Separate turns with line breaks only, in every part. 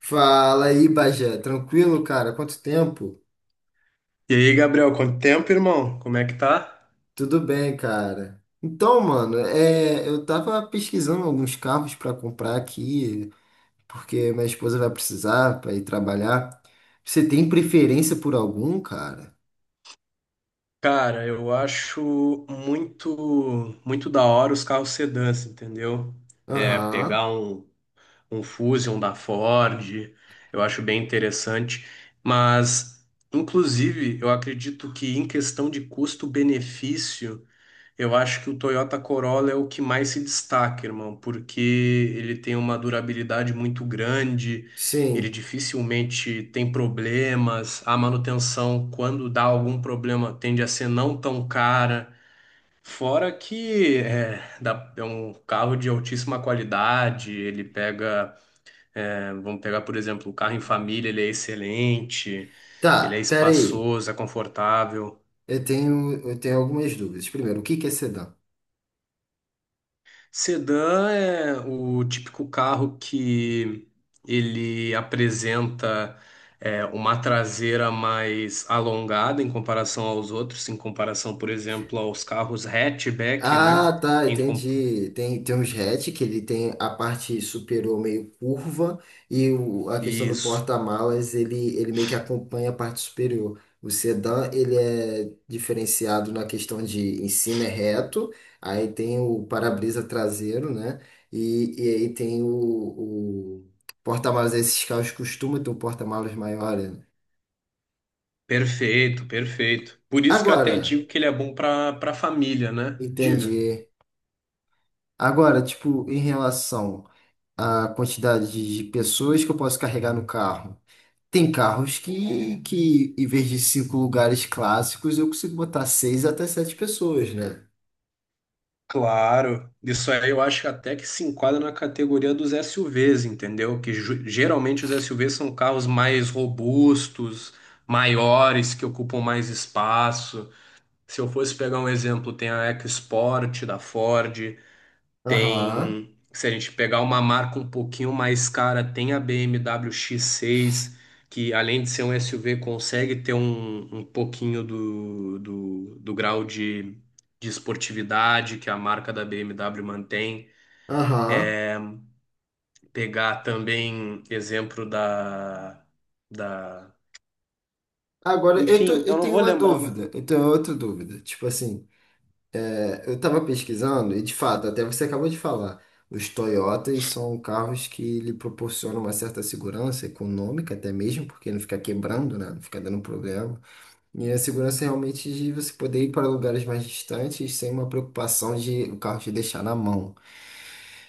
Fala aí, Bagé. Tranquilo, cara? Quanto tempo?
E aí, Gabriel, quanto tempo, irmão? Como é que tá?
Tudo bem, cara. Então, mano, é, eu tava pesquisando alguns carros pra comprar aqui, porque minha esposa vai precisar pra ir trabalhar. Você tem preferência por algum, cara?
Cara, eu acho muito muito da hora os carros sedãs, entendeu? É,
Aham,
pegar um, um Fusion da Ford, eu acho bem interessante. Mas, inclusive, eu acredito que em questão de custo-benefício, eu acho que o Toyota Corolla é o que mais se destaca, irmão, porque ele tem uma durabilidade muito grande, ele
sim.
dificilmente tem problemas, a manutenção, quando dá algum problema, tende a ser não tão cara. Fora que é um carro de altíssima qualidade, ele pega, vamos pegar, por exemplo, o carro em família, ele é excelente, ele é
Tá, pera aí.
espaçoso, é confortável.
Eu tenho algumas dúvidas. Primeiro, o que que é sedã?
Sedã é o típico carro que ele apresenta uma traseira mais alongada em comparação aos outros, em comparação, por exemplo, aos carros hatchback, né?
Ah, tá,
Em comp-
entendi. Tem uns hatch que ele tem a parte superior meio curva e a questão do
Isso.
porta-malas, ele meio que acompanha a parte superior. O sedã, ele é diferenciado na questão de em cima é reto, aí tem o para-brisa traseiro, né? E aí tem o porta-malas, esses carros costumam ter um porta-malas maior, né?
Perfeito, perfeito. Por isso que eu até
Agora,
digo que ele é bom para família, né? Diga.
entendi. Agora, tipo, em relação a quantidade de pessoas que eu posso carregar no carro. Tem carros que em vez de cinco lugares clássicos, eu consigo botar seis até sete pessoas, né?
Claro, isso aí eu acho que até que se enquadra na categoria dos SUVs, entendeu? Que geralmente os SUVs são carros mais robustos, maiores, que ocupam mais espaço. Se eu fosse pegar um exemplo, tem a EcoSport da Ford,
Aham,
tem, se a gente pegar uma marca um pouquinho mais cara, tem a BMW X6, que além de ser um SUV, consegue ter um pouquinho do grau de esportividade que a marca da BMW mantém.
aham.
Pegar também exemplo da, da.
Agora,
Enfim, eu
eu
não
tenho
vou
uma
lembrar.
dúvida, eu tenho outra dúvida. Tipo assim, é, eu tava pesquisando e, de fato, até você acabou de falar, os Toyotas são carros que lhe proporcionam uma certa segurança econômica até mesmo, porque não fica quebrando, né? Não fica dando problema. E a segurança realmente de você poder ir para lugares mais distantes sem uma preocupação de o carro te deixar na mão.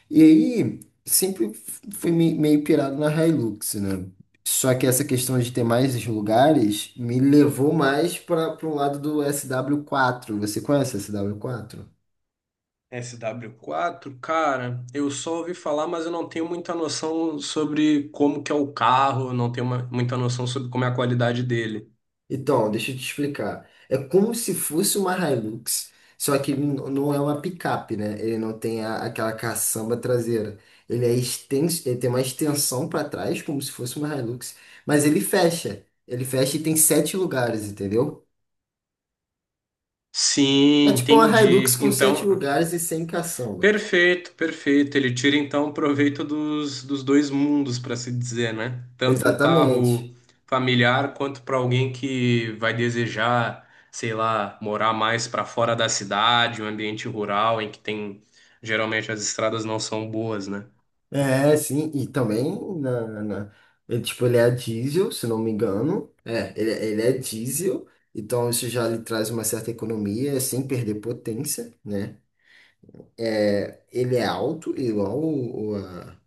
E aí, sempre fui meio pirado na Hilux, né? Só que essa questão de ter mais os lugares me levou mais para o lado do sw quatro. Você conhece o sw quatro?
SW4, cara, eu só ouvi falar, mas eu não tenho muita noção sobre como que é o carro, não tenho muita noção sobre como é a qualidade dele.
Então, deixa eu te explicar. É como se fosse uma Hilux, só que ele não é uma picape, né? Ele não tem aquela caçamba traseira. Ele é extenso, ele tem uma extensão para trás, como se fosse uma Hilux, mas ele fecha. Ele fecha e tem sete lugares, entendeu? É
Sim,
tipo uma Hilux
entendi.
com sete
Então,
lugares e sem caçamba.
perfeito, perfeito. Ele tira então proveito dos dois mundos, para se dizer, né? Tanto um
Exatamente.
carro familiar quanto para alguém que vai desejar, sei lá, morar mais para fora da cidade, um ambiente rural em que tem geralmente as estradas não são boas, né?
É, sim, e também na, na- ele, tipo, ele é diesel, se não me engano. É, ele é diesel, então isso já lhe traz uma certa economia sem perder potência, né? É, ele é alto, igual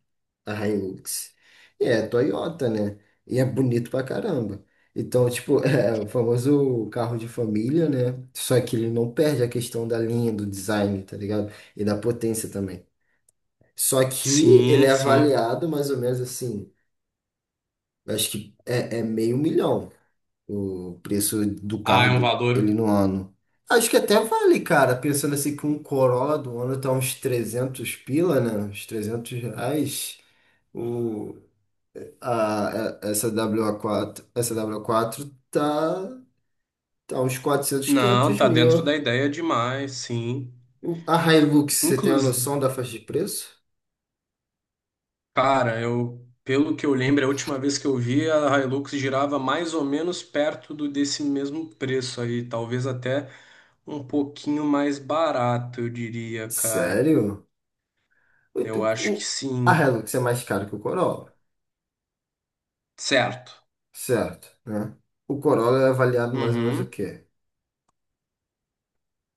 a Hilux, e é Toyota, né? E é bonito pra caramba. Então, tipo, é o famoso carro de família, né? Só que ele não perde a questão da linha, do design, tá ligado? E da potência também. Só que ele é
Sim, sim.
avaliado mais ou menos assim. Acho que é, é meio milhão o preço do
Ah,
carro
é um
do, ele
valor.
no ano. Acho que até vale, cara. Pensando assim que um Corolla do ano tá uns 300 pila, né? Uns R$ 300. O, a, essa wa quatro tá uns 400
Não,
500
tá dentro
mil.
da ideia demais, sim.
A Hilux, você tem a
Inclusive,
noção da faixa de preço?
cara, pelo que eu lembro, a última vez que eu vi a Hilux girava mais ou menos perto do desse mesmo preço aí, talvez até um pouquinho mais barato, eu diria, cara.
Sério? O,
Eu acho
o-
que
a
sim.
Hilux é mais cara que o Corolla,
Certo.
certo, né? O Corolla é avaliado mais ou menos o
Uhum.
quê?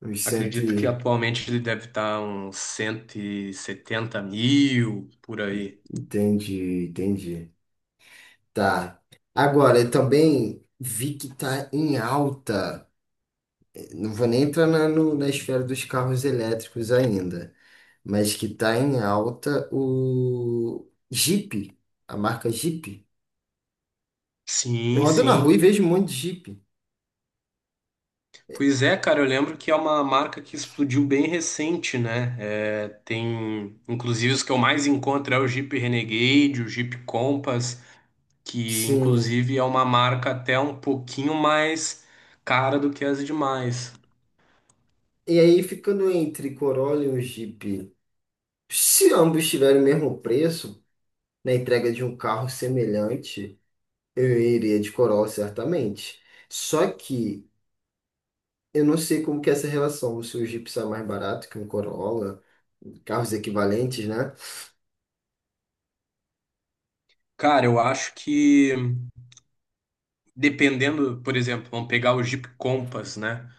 Os
Acredito que
sete.
atualmente ele deve estar uns 170 mil por aí.
Entendi, entendi. Tá. Agora, eu também vi que tá em alta. Não vou nem entrar na, na esfera dos carros elétricos ainda, mas que tá em alta o Jeep, a marca Jeep. Eu
Sim,
ando na rua e
sim.
vejo um monte de Jeep.
Pois é, cara, eu lembro que é uma marca que explodiu bem recente, né? Tem, inclusive, os que eu mais encontro é o Jeep Renegade, o Jeep Compass, que
Sim.
inclusive é uma marca até um pouquinho mais cara do que as demais.
E aí, ficando entre Corolla e um Jeep, se ambos tiverem o mesmo preço na entrega de um carro semelhante. Eu iria de Coral, certamente. Só que eu não sei como que é essa relação, se o Jeep sai mais barato que um Corolla, carros equivalentes, né?
Cara, eu acho que dependendo, por exemplo, vamos pegar o Jeep Compass, né?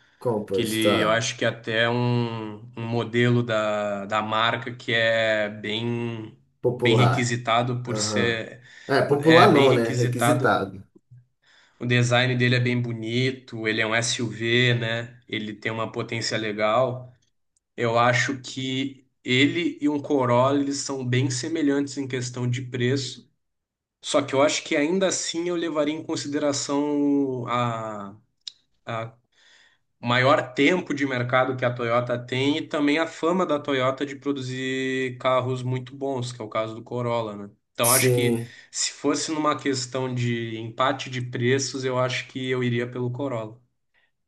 Que
Compass,
ele, eu
tá.
acho que é até um modelo da marca que é bem, bem
Popular.
requisitado por
Aham.
ser,
É,
é
popular
bem
não, né?
requisitado.
Requisitado.
O design dele é bem bonito, ele é um SUV, né? Ele tem uma potência legal. Eu acho que ele e um Corolla, eles são bem semelhantes em questão de preço. Só que eu acho que ainda assim eu levaria em consideração a maior tempo de mercado que a Toyota tem e também a fama da Toyota de produzir carros muito bons, que é o caso do Corolla, né? Então acho que
Sim.
se fosse numa questão de empate de preços, eu acho que eu iria pelo Corolla.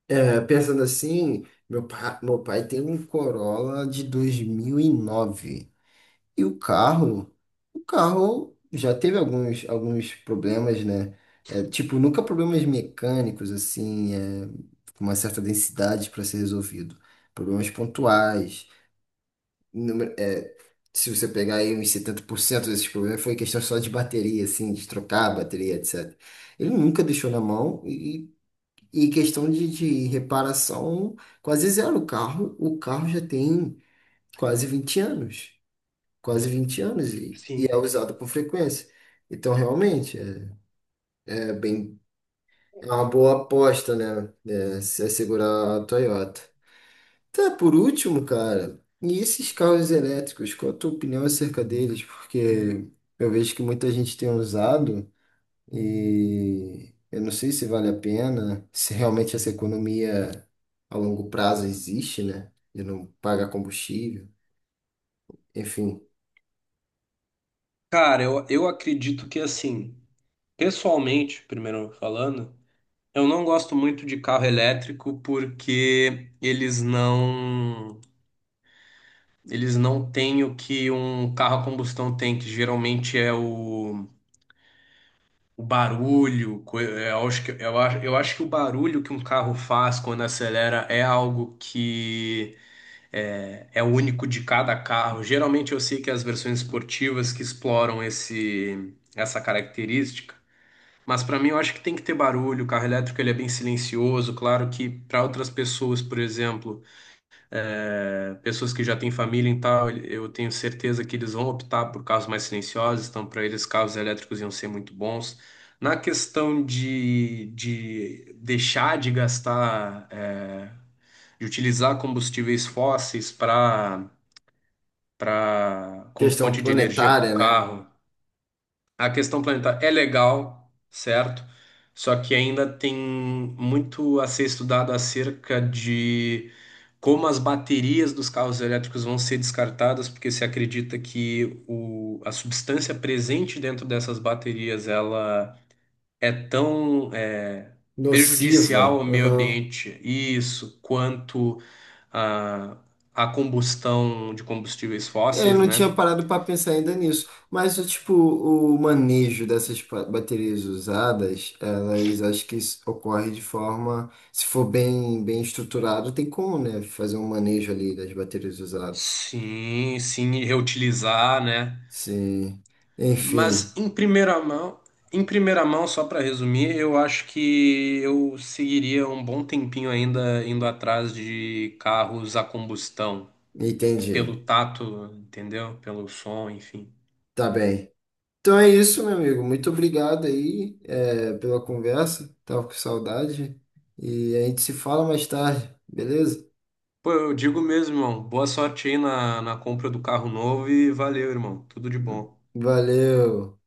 É, pensando assim, meu pai tem um Corolla de 2009. E o carro já teve alguns problemas, né? É, tipo, nunca problemas mecânicos, assim, é, com uma certa densidade para ser resolvido. Problemas pontuais. É, se você pegar aí uns 70% desses problemas, foi questão só de bateria, assim, de trocar a bateria, etc. Ele nunca deixou na mão e, e questão de reparação, quase zero. O carro já tem quase 20 anos quase 20 anos e
Sim.
é usado com frequência. Então, realmente, é, é bem, é uma boa aposta, né? É, se assegurar a Toyota. Tá, por último, cara, e esses carros elétricos, qual a tua opinião acerca deles? Porque eu vejo que muita gente tem usado e eu não sei se vale a pena, se realmente essa economia a longo prazo existe, né? De não pagar combustível, enfim,
Cara, eu acredito que assim, pessoalmente, primeiro falando, eu não gosto muito de carro elétrico porque eles não têm o que um carro a combustão tem, que geralmente é o barulho, eu acho que o barulho que um carro faz quando acelera é algo que é único de cada carro. Geralmente eu sei que as versões esportivas que exploram esse, essa característica, mas para mim eu acho que tem que ter barulho. O carro elétrico ele é bem silencioso. Claro que para outras pessoas, por exemplo pessoas que já têm família e tal, eu tenho certeza que eles vão optar por carros mais silenciosos, então para eles carros elétricos iam ser muito bons. Na questão de deixar de gastar, de utilizar combustíveis fósseis para como
questão
fonte de energia para o
planetária, né?
carro, a questão planetária é legal, certo? Só que ainda tem muito a ser estudado acerca de como as baterias dos carros elétricos vão ser descartadas, porque se acredita que a substância presente dentro dessas baterias ela é tão
Nociva.
prejudicial ao meio
Aham.
ambiente, isso, quanto a, a combustão de combustíveis
É,
fósseis,
não
né?
tinha parado para pensar ainda nisso. Mas, o tipo, o manejo dessas baterias usadas, elas acho que isso ocorre de forma, se for bem, bem estruturado, tem como, né? Fazer um manejo ali das baterias usadas.
Sim, sim, e reutilizar, né?
Sim.
Mas
Enfim,
em primeira mão, só para resumir, eu acho que eu seguiria um bom tempinho ainda indo atrás de carros a combustão,
entendi.
pelo tato, entendeu? Pelo som, enfim.
Tá bem. Então é isso, meu amigo. Muito obrigado aí, é, pela conversa. Tava com saudade. E a gente se fala mais tarde, beleza?
Pô, eu digo mesmo, irmão, boa sorte aí na compra do carro novo e valeu, irmão. Tudo de bom.
Valeu.